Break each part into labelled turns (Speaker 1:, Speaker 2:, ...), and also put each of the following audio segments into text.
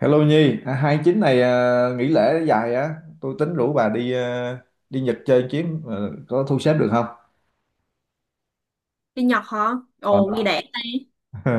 Speaker 1: Hello Nhi, à, 29 này, à, nghỉ lễ dài á. Tôi tính rủ bà đi, à, đi Nhật chơi chuyến, à, có thu xếp được không?
Speaker 2: Đi Nhật hả?
Speaker 1: Ờ.
Speaker 2: Ồ, nghe đã đi.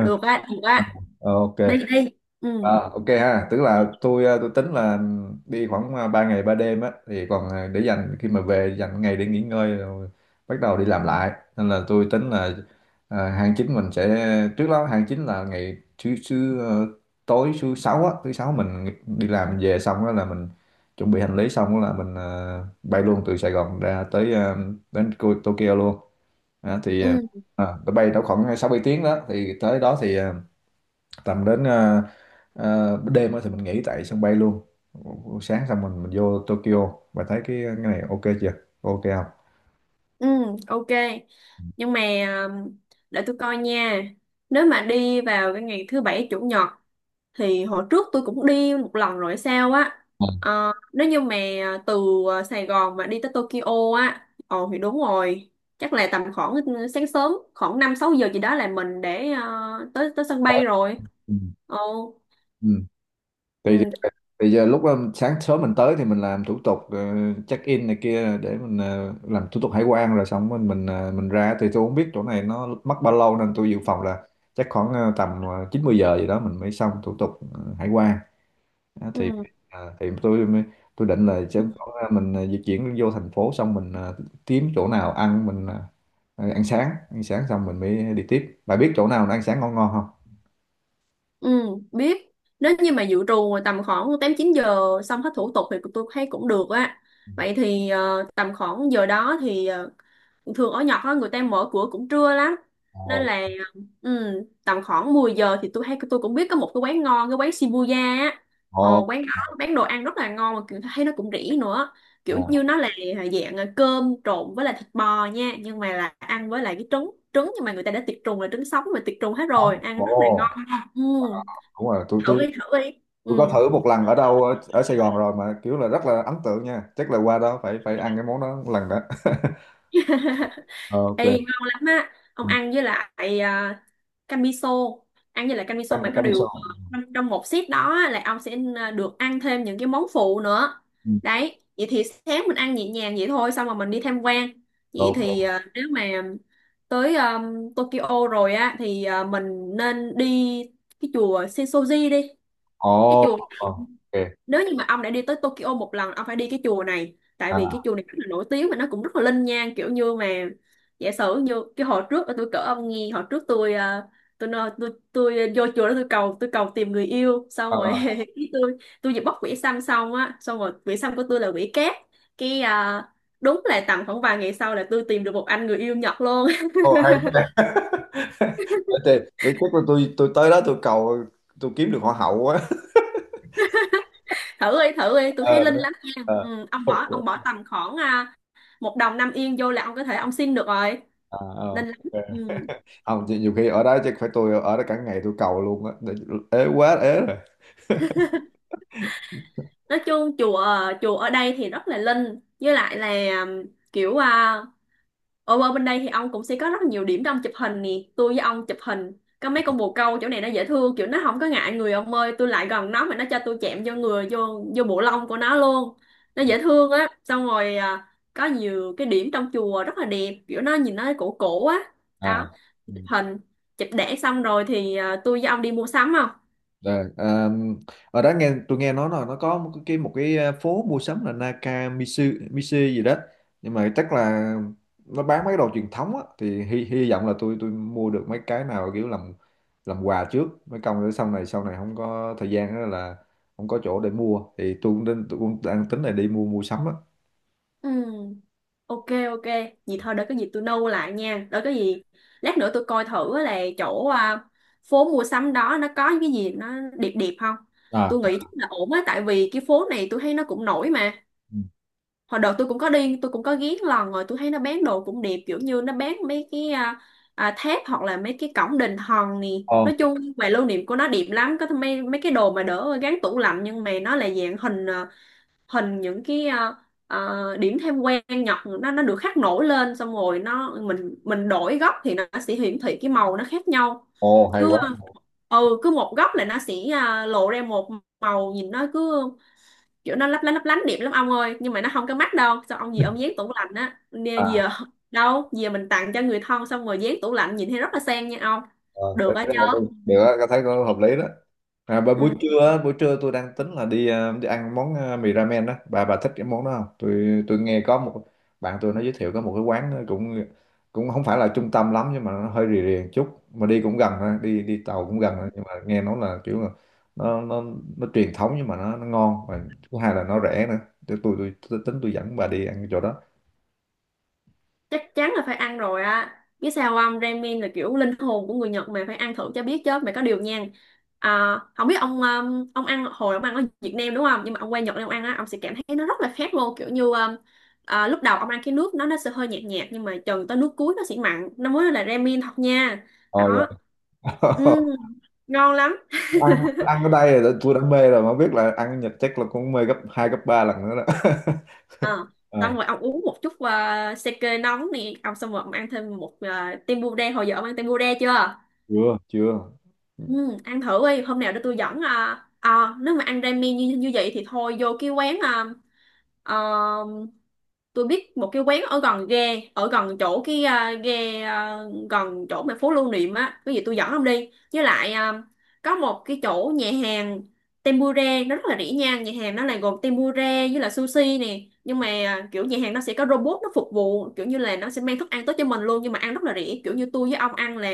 Speaker 2: Được á, được á.
Speaker 1: Ờ, ok.
Speaker 2: Đi, đi. Ừ,
Speaker 1: À, ok ha, tức là tôi tính là đi khoảng 3 ngày 3 đêm á, thì còn để dành khi mà về, dành ngày để nghỉ ngơi rồi bắt đầu đi làm lại. Nên là tôi tính là hàng chính mình sẽ, trước đó hàng chính là ngày thứ thứ ờ, tối thứ sáu á, thứ sáu mình đi làm về xong đó là mình chuẩn bị hành lý, xong đó là mình bay luôn từ Sài Gòn ra tới đến Tokyo luôn. Đó, thì
Speaker 2: ừ,
Speaker 1: tôi bay đâu khoảng 6 7 tiếng đó, thì tới đó thì tầm đến đêm á, thì mình nghỉ tại sân bay luôn, sáng xong mình vô Tokyo và thấy cái này ok chưa, ok không?
Speaker 2: ừ, ok. Nhưng mà um, để tôi coi nha. Nếu mà đi vào cái ngày thứ bảy chủ nhật thì hồi trước tôi cũng đi một lần rồi sao á.
Speaker 1: Ừ.
Speaker 2: Ờ, nếu như mà từ Sài Gòn mà đi tới Tokyo á, ồ thì đúng rồi. Chắc là tầm khoảng sáng sớm, khoảng 5-6 giờ gì đó là mình để tới tới sân
Speaker 1: Tới-
Speaker 2: bay rồi.
Speaker 1: Ừ.
Speaker 2: Ồ,
Speaker 1: Ừ.
Speaker 2: ừ,
Speaker 1: Thì, thì giờ lúc sáng sớm mình tới thì mình làm thủ tục, check in này kia, để mình làm thủ tục hải quan, rồi xong mình ra, thì tôi không biết chỗ này nó mất bao lâu, nên tôi dự phòng là chắc khoảng tầm 90 giờ gì đó mình mới xong thủ tục hải quan. Đó, thì
Speaker 2: ừ.
Speaker 1: à, tôi định là
Speaker 2: Ừ.
Speaker 1: sẽ có, à, mình, à, di chuyển vô thành phố xong mình, à, kiếm chỗ nào ăn, mình, à, à, ăn sáng xong mình mới đi tiếp. Bà biết chỗ nào nó ăn sáng ngon ngon không?
Speaker 2: Ừ, biết. Nếu như mà dự trù tầm khoảng 8-9 giờ xong hết thủ tục thì tôi thấy cũng được á. Vậy thì tầm khoảng giờ đó thì thường ở Nhật á, người ta mở cửa cũng trưa lắm. Nên
Speaker 1: Ồ.
Speaker 2: là ừ, tầm khoảng 10 giờ thì tôi thấy tôi cũng biết có một cái quán ngon, cái quán Shibuya á. Ờ,
Speaker 1: Ồ.
Speaker 2: quán đó bán đồ ăn rất là ngon mà kiểu thấy nó cũng rẻ nữa. Kiểu
Speaker 1: Ồ.
Speaker 2: như nó là dạng cơm trộn với lại thịt bò nha, nhưng mà là ăn với lại cái trứng trứng nhưng mà người ta đã tiệt trùng là trứng sống mà tiệt trùng hết
Speaker 1: Tắm.
Speaker 2: rồi, ăn rất là
Speaker 1: Ồ,
Speaker 2: ngon. Ừ,
Speaker 1: đúng rồi, tôi
Speaker 2: thử
Speaker 1: tôi
Speaker 2: đi thử đi.
Speaker 1: tôi có
Speaker 2: Ừ.
Speaker 1: thử một lần ở đâu, ở, ở Sài Gòn rồi, mà kiểu là rất là ấn tượng nha. Chắc là qua đó phải phải ăn cái món đó một lần đó. Ok.
Speaker 2: Ê, ngon lắm á, ông
Speaker 1: Ừ.
Speaker 2: ăn với lại canh miso, ăn với lại canh miso
Speaker 1: Ăn
Speaker 2: mà có
Speaker 1: canh
Speaker 2: điều
Speaker 1: sò.
Speaker 2: trong một set đó á, là ông sẽ được ăn thêm những cái món phụ nữa
Speaker 1: Ừ.
Speaker 2: đấy. Vậy thì sáng mình ăn nhẹ nhàng vậy thôi, xong rồi mình đi tham quan. Vậy thì
Speaker 1: Ok.
Speaker 2: nếu mà tới Tokyo rồi á thì mình nên đi cái chùa Sensoji đi.
Speaker 1: Ồ.
Speaker 2: Cái chùa,
Speaker 1: Ồ. Ok.
Speaker 2: nếu như mà ông đã đi tới Tokyo một lần ông phải đi cái chùa này, tại vì cái
Speaker 1: À.
Speaker 2: chùa này rất là nổi tiếng và nó cũng rất là linh nhang. Kiểu như mà giả sử như cái hồi trước tôi cỡ ông nghe, hồi trước tôi tôi vô chùa đó, tôi cầu tìm người yêu, xong rồi
Speaker 1: À.
Speaker 2: cái tôi vừa bóc quỷ xăm xong á, xong rồi quỷ xăm của tôi là quỷ cát, cái đúng là tầm khoảng vài ngày sau là tôi tìm được một anh người yêu Nhật luôn.
Speaker 1: Hay quá, để chắc là tôi tới đó tôi cầu, tôi kiếm được hoa hậu quá.
Speaker 2: Thử đi thử đi, tôi thấy
Speaker 1: Ờ,
Speaker 2: linh
Speaker 1: đúng.
Speaker 2: lắm nha.
Speaker 1: Ờ,
Speaker 2: Ừ, ông
Speaker 1: ok.
Speaker 2: bỏ ông bỏ tầm khoảng một đồng 5 yên vô là ông có thể ông xin được rồi,
Speaker 1: À, ờ,
Speaker 2: linh lắm.
Speaker 1: ok.
Speaker 2: Ừ.
Speaker 1: Không nhiều, nhiều khi ở đó chắc phải tôi ở đó cả ngày tôi cầu luôn á. Ế quá, ế.
Speaker 2: Nói chung chùa, chùa ở đây thì rất là linh, với lại là um, kiểu ở ở bên đây thì ông cũng sẽ có rất là nhiều điểm để ông chụp hình nè. Tôi với ông chụp hình có mấy con bồ câu, chỗ này nó dễ thương, kiểu nó không có ngại người, ông ơi tôi lại gần nó mà nó cho tôi chạm vô người, vô vô bộ lông của nó luôn. Nó
Speaker 1: Rồi.
Speaker 2: dễ thương á. Xong rồi có nhiều cái điểm trong chùa rất là đẹp, kiểu nó nhìn nó cổ cổ á.
Speaker 1: À.
Speaker 2: Đó,
Speaker 1: Ừ.
Speaker 2: chụp hình, chụp đẻ xong rồi thì tôi với ông đi mua sắm không?
Speaker 1: Rồi, à, ở đó, tôi nghe nói là nó có một cái à, phố mua sắm là Nakamitsu Mitsu gì đó, nhưng mà chắc là nó bán mấy cái đồ truyền thống á, thì hy vọng là tôi mua được mấy cái nào kiểu làm quà trước mấy công, để sau này, sau này không có thời gian đó là không có chỗ để mua, thì tôi cũng định tôi cũng đang tính là đi mua mua sắm á.
Speaker 2: Ừ. Ok, ok, vậy thôi để có gì tôi nâu lại nha. Để có gì lát nữa tôi coi thử là chỗ phố mua sắm đó nó có những cái gì nó đẹp đẹp không.
Speaker 1: À.
Speaker 2: Tôi nghĩ chắc là ổn á, tại vì cái phố này tôi thấy nó cũng nổi mà.
Speaker 1: Ừ.
Speaker 2: Hồi đợt tôi cũng có đi, tôi cũng có ghé lần rồi, tôi thấy nó bán đồ cũng đẹp, kiểu như nó bán mấy cái tháp hoặc là mấy cái cổng đình hòn nè.
Speaker 1: Ồ.
Speaker 2: Nói chung về lưu niệm của nó đẹp lắm, có mấy mấy cái đồ mà đỡ gắn tủ lạnh nhưng mà nó là dạng hình hình những cái điểm thêm quen nhật, nó được khắc nổi lên, xong rồi nó, mình đổi góc thì nó sẽ hiển thị cái màu nó khác nhau.
Speaker 1: Ồ, hay
Speaker 2: Cứ,
Speaker 1: quá.
Speaker 2: ừ, cứ một góc là nó sẽ lộ ra một màu, nhìn nó cứ kiểu nó lấp lánh đẹp lắm ông ơi. Nhưng mà nó không có mắt đâu sao ông, gì ông dán tủ lạnh á nè giờ,
Speaker 1: À,
Speaker 2: đâu giờ mình tặng cho người thân xong rồi dán tủ lạnh nhìn thấy rất là sang nha ông.
Speaker 1: à,
Speaker 2: Được á chứ.
Speaker 1: được á, tôi thấy có hợp lý đó. À, bà buổi
Speaker 2: Ừ.
Speaker 1: trưa á, buổi trưa tôi đang tính là đi, ờ, đi ăn món, ờ, mì ramen đó. Bà thích cái món đó không? Tôi nghe có một bạn tôi nó giới thiệu có một cái quán, nó cũng cũng không phải là trung tâm lắm, nhưng mà nó hơi rì rì một chút mà đi cũng gần thôi, đi đi tàu cũng gần thôi. Nhưng mà nghe nói là kiểu là nó nó nó truyền thống, nhưng mà nó ngon, và thứ hai là nó rẻ nữa. Tôi tính tôi dẫn bà đi ăn cái chỗ đó.
Speaker 2: Chắc chắn là phải ăn rồi á, biết sao không, ramen là kiểu linh hồn của người Nhật mà, phải ăn thử cho biết chứ mày. Có điều nha không biết ông, ông ăn, hồi ông ăn ở Việt Nam đúng không, nhưng mà ông qua Nhật này ông ăn á ông sẽ cảm thấy nó rất là khác luôn. Kiểu như lúc đầu ông ăn cái nước nó sẽ hơi nhạt nhạt, nhưng mà chừng tới nước cuối nó sẽ mặn, nó mới là ramen thật nha.
Speaker 1: Rồi.
Speaker 2: Đó. Ừ, ngon lắm.
Speaker 1: ăn ăn ở đây là tôi đã mê rồi, mà biết là ăn ở Nhật chắc là cũng mê gấp hai gấp ba lần nữa đó.
Speaker 2: Ờ, xong rồi ông uống một chút sake nóng nè ông, xong rồi ông ăn thêm một tempura. Hồi giờ ông ăn tempura chưa?
Speaker 1: Chưa chưa.
Speaker 2: Ừ, ăn thử đi hôm nào để tôi dẫn nếu mà ăn ramen như như vậy thì thôi vô cái quán à, tôi biết một cái quán ở gần ghe, ở gần chỗ cái ghe gần chỗ mà phố lưu niệm á, cái gì tôi dẫn ông đi, với lại có một cái chỗ nhà hàng tempura nó rất là rẻ nha. Nhà hàng nó là gồm tempura với là sushi nè, nhưng mà kiểu nhà hàng nó sẽ có robot nó phục vụ, kiểu như là nó sẽ mang thức ăn tới cho mình luôn, nhưng mà ăn rất là rẻ. Kiểu như tôi với ông ăn là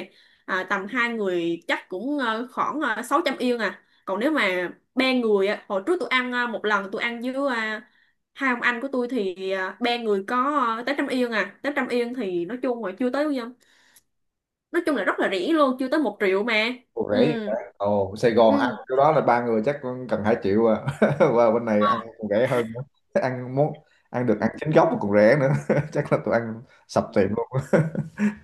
Speaker 2: tầm hai người chắc cũng khoảng 600 yên à, còn nếu mà ba người á, hồi trước tôi ăn một lần tôi ăn với hai ông anh của tôi thì ba người có tới trăm yên à, tới trăm yên thì nói chung là chưa tới bao nhiêu. Nói chung là rất là rẻ luôn, chưa tới 1 triệu mà.
Speaker 1: Ồ,
Speaker 2: Ừ.
Speaker 1: rẻ vậy ta. Ồ, Sài Gòn ăn
Speaker 2: Ừ.
Speaker 1: cái đó là ba người chắc cũng cần 2 triệu à. Và bên này ăn
Speaker 2: À.
Speaker 1: còn rẻ hơn nữa. Ăn muốn ăn được ăn chính gốc mà còn rẻ nữa. Chắc là tụi ăn sập tiệm luôn.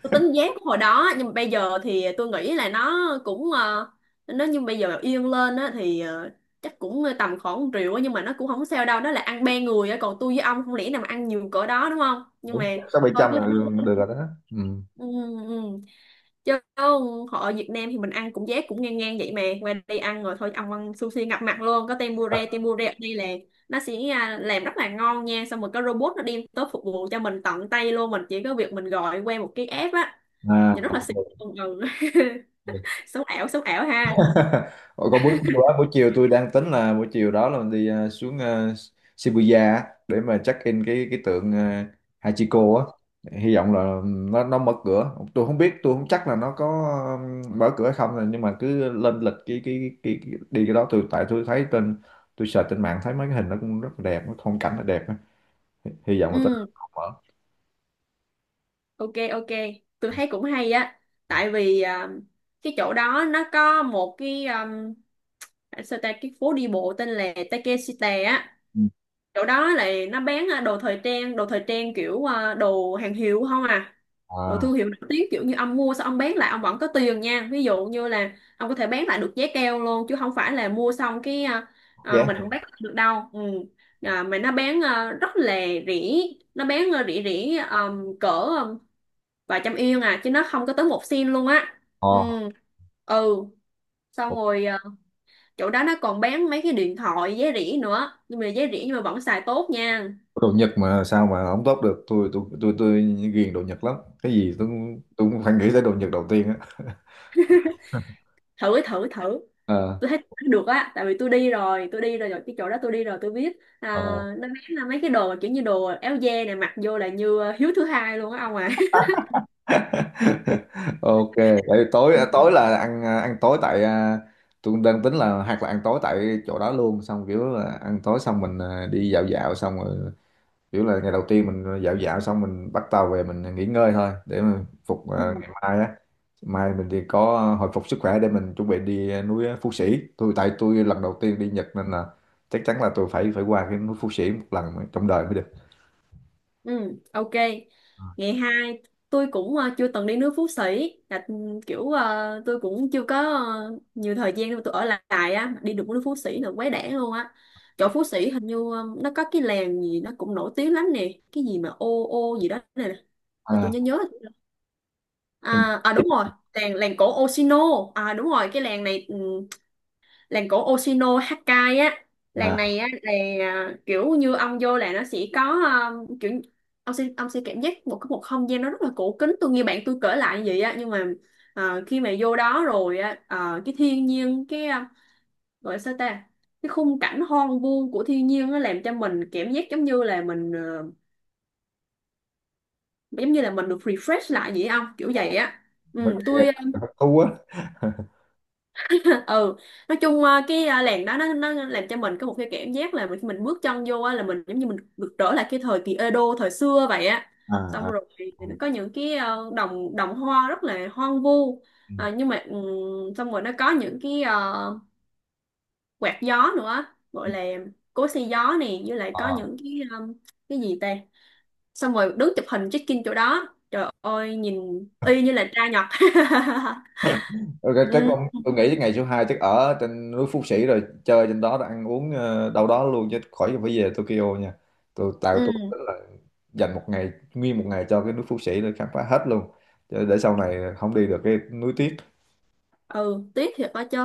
Speaker 2: Tôi tính giá của hồi đó nhưng mà bây giờ thì tôi nghĩ là nó cũng nó, nhưng bây giờ yên lên á thì chắc cũng tầm khoảng 1 triệu á, nhưng mà nó cũng không sao đâu, đó là ăn ba người á, còn tôi với ông không lẽ nào mà ăn nhiều cỡ đó đúng không, nhưng
Speaker 1: Đúng,
Speaker 2: mà
Speaker 1: sáu bảy
Speaker 2: thôi
Speaker 1: trăm
Speaker 2: cứ
Speaker 1: là
Speaker 2: thử.
Speaker 1: được rồi đó. Ừ.
Speaker 2: Ừ, ừ. Chứ họ Việt Nam thì mình ăn cũng giá cũng ngang ngang vậy, mà qua đây ăn rồi thôi ông ăn sushi ngập mặt luôn, có tempura, tempura ở đây là nó sẽ làm rất là ngon nha, xong rồi có robot nó đem tới phục vụ cho mình tận tay luôn, mình chỉ có việc mình gọi qua một cái app á, nhìn rất là xịn. Ừ. Ừ.
Speaker 1: À.
Speaker 2: Sống ảo sống ảo ha.
Speaker 1: Ủa, còn buổi chiều á, buổi chiều tôi đang tính là buổi chiều đó là mình đi, ờ, xuống, ờ, Shibuya á, để mà check in cái tượng, ờ, Hachiko á. Hy vọng là nó mở cửa. Tôi không biết, tôi không chắc là nó có, ờ, mở cửa hay không rồi, nhưng mà cứ lên lịch cái đi cái đó, tôi tại tôi thấy trên, tôi search trên mạng thấy mấy cái hình nó cũng rất là đẹp, cái phong cảnh nó đẹp á. Hy vọng là tới đó
Speaker 2: Ừ,
Speaker 1: nó mở.
Speaker 2: ok, ok, tôi thấy cũng hay á, tại vì cái chỗ đó nó có một cái sao ta, cái phố đi bộ tên là Takeshita á.
Speaker 1: Ừ.
Speaker 2: Chỗ đó là nó bán đồ thời trang, đồ thời trang kiểu đồ hàng hiệu không à, đồ
Speaker 1: À.
Speaker 2: thương hiệu nổi tiếng, kiểu như ông mua xong ông bán lại ông vẫn có tiền nha. Ví dụ như là ông có thể bán lại được giá cao luôn, chứ không phải là mua xong cái
Speaker 1: Yeah.
Speaker 2: mình không bán lại được đâu. Ừ. Mà nó bán rất là rẻ, nó bán rẻ rẻ cỡ vài trăm yên à, chứ nó không có tới một sen luôn á. Ừ.
Speaker 1: Ờ.
Speaker 2: Ừ. Xong rồi chỗ đó nó còn bán mấy cái điện thoại giá rẻ nữa, nhưng mà giá rẻ nhưng mà vẫn xài tốt nha.
Speaker 1: Đồ Nhật mà sao mà không tốt được, tôi ghiền đồ Nhật lắm. Cái gì tôi cũng phải nghĩ tới đồ Nhật đầu tiên á.
Speaker 2: Thử thử thử,
Speaker 1: Ờ.
Speaker 2: tôi thấy được á, tại vì tôi đi rồi rồi cái chỗ đó tôi đi rồi tôi biết
Speaker 1: Ờ.
Speaker 2: nó bán là mấy cái đồ mà kiểu như đồ áo da này, mặc vô là như hiếu thứ hai luôn á ông à.
Speaker 1: Ok, để tối
Speaker 2: Ừ.
Speaker 1: tối là ăn, à, ăn tối tại, à, tôi đang tính là hoặc là ăn tối tại chỗ đó luôn, xong kiểu là ăn tối xong mình, à, đi dạo dạo, xong rồi kiểu là ngày đầu tiên mình dạo dạo xong mình bắt tàu về mình nghỉ ngơi thôi, để mà phục, à,
Speaker 2: Ừ,
Speaker 1: ngày mai á, mai mình thì có, ờ, hồi phục sức khỏe để mình chuẩn bị đi, ờ, núi, ờ, Phú Sĩ. Tôi tại tôi lần đầu tiên đi Nhật, nên là chắc chắn là tôi phải phải qua cái núi Phú Sĩ một lần trong đời mới được.
Speaker 2: ừ, ok. Ngày hai, tôi cũng chưa từng đi nước Phú Sĩ, là ừ, kiểu tôi cũng chưa có nhiều thời gian để mà tôi ở lại á, đi được nước Phú Sĩ là quá đẻ luôn á. Chỗ Phú Sĩ hình như nó có cái làng gì nó cũng nổi tiếng lắm nè, cái gì mà ô ô gì đó này. Ôi, tôi
Speaker 1: À,
Speaker 2: nhớ nhớ rồi.
Speaker 1: nhưng
Speaker 2: À, à đúng rồi. Làng làng cổ Oshino. À đúng rồi, cái làng này làng cổ Oshino Hakkai á.
Speaker 1: mà
Speaker 2: Làng
Speaker 1: à,
Speaker 2: này á là kiểu như ông vô là nó sẽ có, à, kiểu ông sẽ cảm giác một cái một không gian nó rất là cổ kính, tôi nghe bạn tôi kể lại như vậy á. Nhưng mà khi mà vô đó rồi á, cái thiên nhiên cái gọi là sao ta, cái khung cảnh hoang vu của thiên nhiên nó làm cho mình cảm giác giống như là mình giống như là mình được refresh lại vậy không, kiểu vậy á.
Speaker 1: mấy
Speaker 2: Ừ
Speaker 1: cái
Speaker 2: tôi
Speaker 1: thú á.
Speaker 2: ừ. Nói chung cái làng đó nó làm cho mình có một cái cảm giác là mình khi mình bước chân vô á là mình giống như mình được trở lại cái thời kỳ Edo thời xưa vậy á.
Speaker 1: À.
Speaker 2: Xong
Speaker 1: À.
Speaker 2: rồi thì nó
Speaker 1: À.
Speaker 2: có những cái đồng đồng hoa rất là hoang vu. Nhưng mà xong rồi nó có những cái quạt gió nữa, gọi là cối xay gió này, với lại có
Speaker 1: Ừ.
Speaker 2: những cái cái gì ta. Xong rồi đứng chụp hình check in chỗ đó, trời ơi nhìn y như là trai Nhật.
Speaker 1: Ok, chắc
Speaker 2: Ừ
Speaker 1: con tôi nghĩ ngày số 2 chắc ở trên núi Phú Sĩ rồi chơi trên đó rồi ăn uống, ờ, đâu đó luôn, chứ khỏi phải về Tokyo nha. Tôi tạo tôi
Speaker 2: ừ
Speaker 1: tính là dành một ngày, nguyên một ngày cho cái núi Phú Sĩ để khám phá hết luôn. Chứ để sau này không đi được cái núi tiếc,
Speaker 2: ừ, tiếc thiệt đó chứ.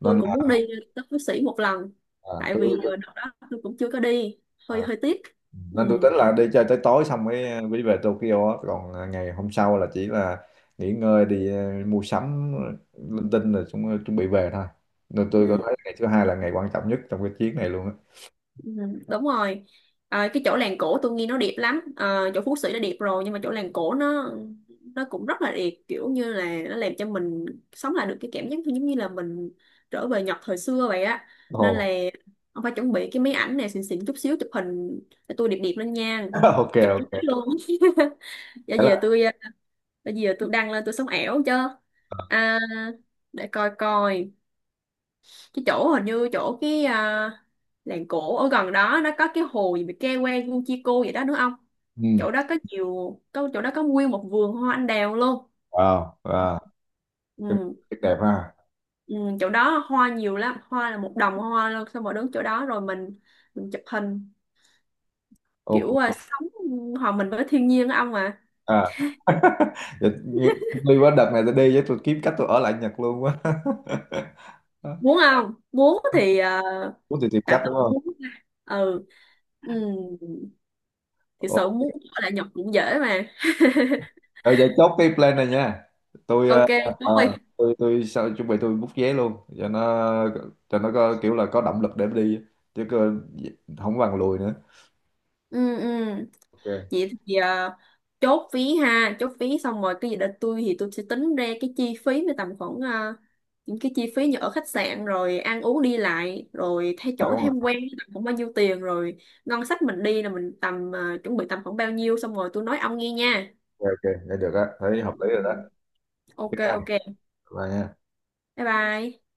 Speaker 2: Tôi
Speaker 1: nên
Speaker 2: cũng
Speaker 1: là
Speaker 2: muốn đi tới Phú Sĩ một lần.
Speaker 1: à,
Speaker 2: Tại
Speaker 1: tôi
Speaker 2: vì đợt đó tôi cũng chưa có đi,
Speaker 1: à,
Speaker 2: hơi hơi tiếc. Ừ
Speaker 1: nên tôi tính là đi chơi tới tối xong mới, à, mới về Tokyo á. Còn à, ngày hôm sau là chỉ là nghỉ ngơi, đi, ờ, mua sắm linh tinh rồi chúng chuẩn bị về thôi. Nên tôi có
Speaker 2: ừ.
Speaker 1: thấy ngày thứ hai là ngày quan trọng nhất trong cái chuyến này luôn á.
Speaker 2: Ừ, đúng rồi. À, cái chỗ làng cổ tôi nghe nó đẹp lắm. À, chỗ Phú Sĩ đã đẹp rồi nhưng mà chỗ làng cổ nó cũng rất là đẹp, kiểu như là nó làm cho mình sống lại được cái cảm giác như- giống như là mình trở về Nhật thời xưa vậy á. Nên là
Speaker 1: Ồ.
Speaker 2: ông phải chuẩn bị cái máy ảnh này xịn xịn chút xíu chụp hình, để tôi đẹp đẹp lên nha.
Speaker 1: Ok,
Speaker 2: Chụp cái máy
Speaker 1: ok.
Speaker 2: luôn. bây
Speaker 1: Thế là
Speaker 2: giờ tôi bây giờ tôi đăng lên tôi sống ảo chứ. à, để coi coi cái chỗ, hình như chỗ cái làng cổ ở gần đó nó có cái hồ gì bị ke que Guchico vậy đó, đúng không?
Speaker 1: ừ.
Speaker 2: Chỗ đó có nhiều, có chỗ đó có nguyên một vườn hoa anh đào luôn.
Speaker 1: Wow, wow.
Speaker 2: Ừ,
Speaker 1: Rất đẹp ha.
Speaker 2: ừ, chỗ đó hoa nhiều lắm, hoa là một đồng hoa luôn, xong rồi đứng chỗ đó rồi mình chụp hình, kiểu
Speaker 1: Ok.
Speaker 2: sống hòa mình với thiên nhiên á ông à.
Speaker 1: À. Dạ, đi quá đợt này tôi đi với tôi kiếm cách tôi ở lại Nhật luôn quá.
Speaker 2: Muốn không muốn thì
Speaker 1: Muốn thì tìm cách
Speaker 2: tạm thời
Speaker 1: đúng
Speaker 2: cũng
Speaker 1: không?
Speaker 2: muốn. Ừ. Ừ. Thì
Speaker 1: Ồ.
Speaker 2: sợ muốn ở lại Nhật cũng dễ mà.
Speaker 1: Rồi vậy chốt cái plan này nha. Tôi, ờ,
Speaker 2: Ok, chốt đi.
Speaker 1: ờ, tôi sao chuẩn bị tôi book vé luôn cho nó, cho nó có kiểu là có động lực để đi, chứ cơ, không bằng lùi nữa.
Speaker 2: Ừ ừ.
Speaker 1: Ok.
Speaker 2: Vậy thì chốt phí ha, chốt phí xong rồi cái gì đó, tôi thì tôi sẽ tính ra cái chi phí với tầm khoảng những cái chi phí như ở khách sạn rồi ăn uống đi lại rồi thay
Speaker 1: À,
Speaker 2: chỗ
Speaker 1: đúng rồi.
Speaker 2: tham quan tầm khoảng bao nhiêu tiền rồi, ngân sách mình đi là mình tầm chuẩn bị tầm khoảng bao nhiêu, xong rồi tôi nói ông nghe nha.
Speaker 1: Ok, ok. Vậy được á, thấy
Speaker 2: Ừ,
Speaker 1: hợp
Speaker 2: ừ,
Speaker 1: lý rồi đó.
Speaker 2: ừ.
Speaker 1: Ok
Speaker 2: Ok
Speaker 1: ha.
Speaker 2: ok,
Speaker 1: Bye nha.
Speaker 2: bye bye.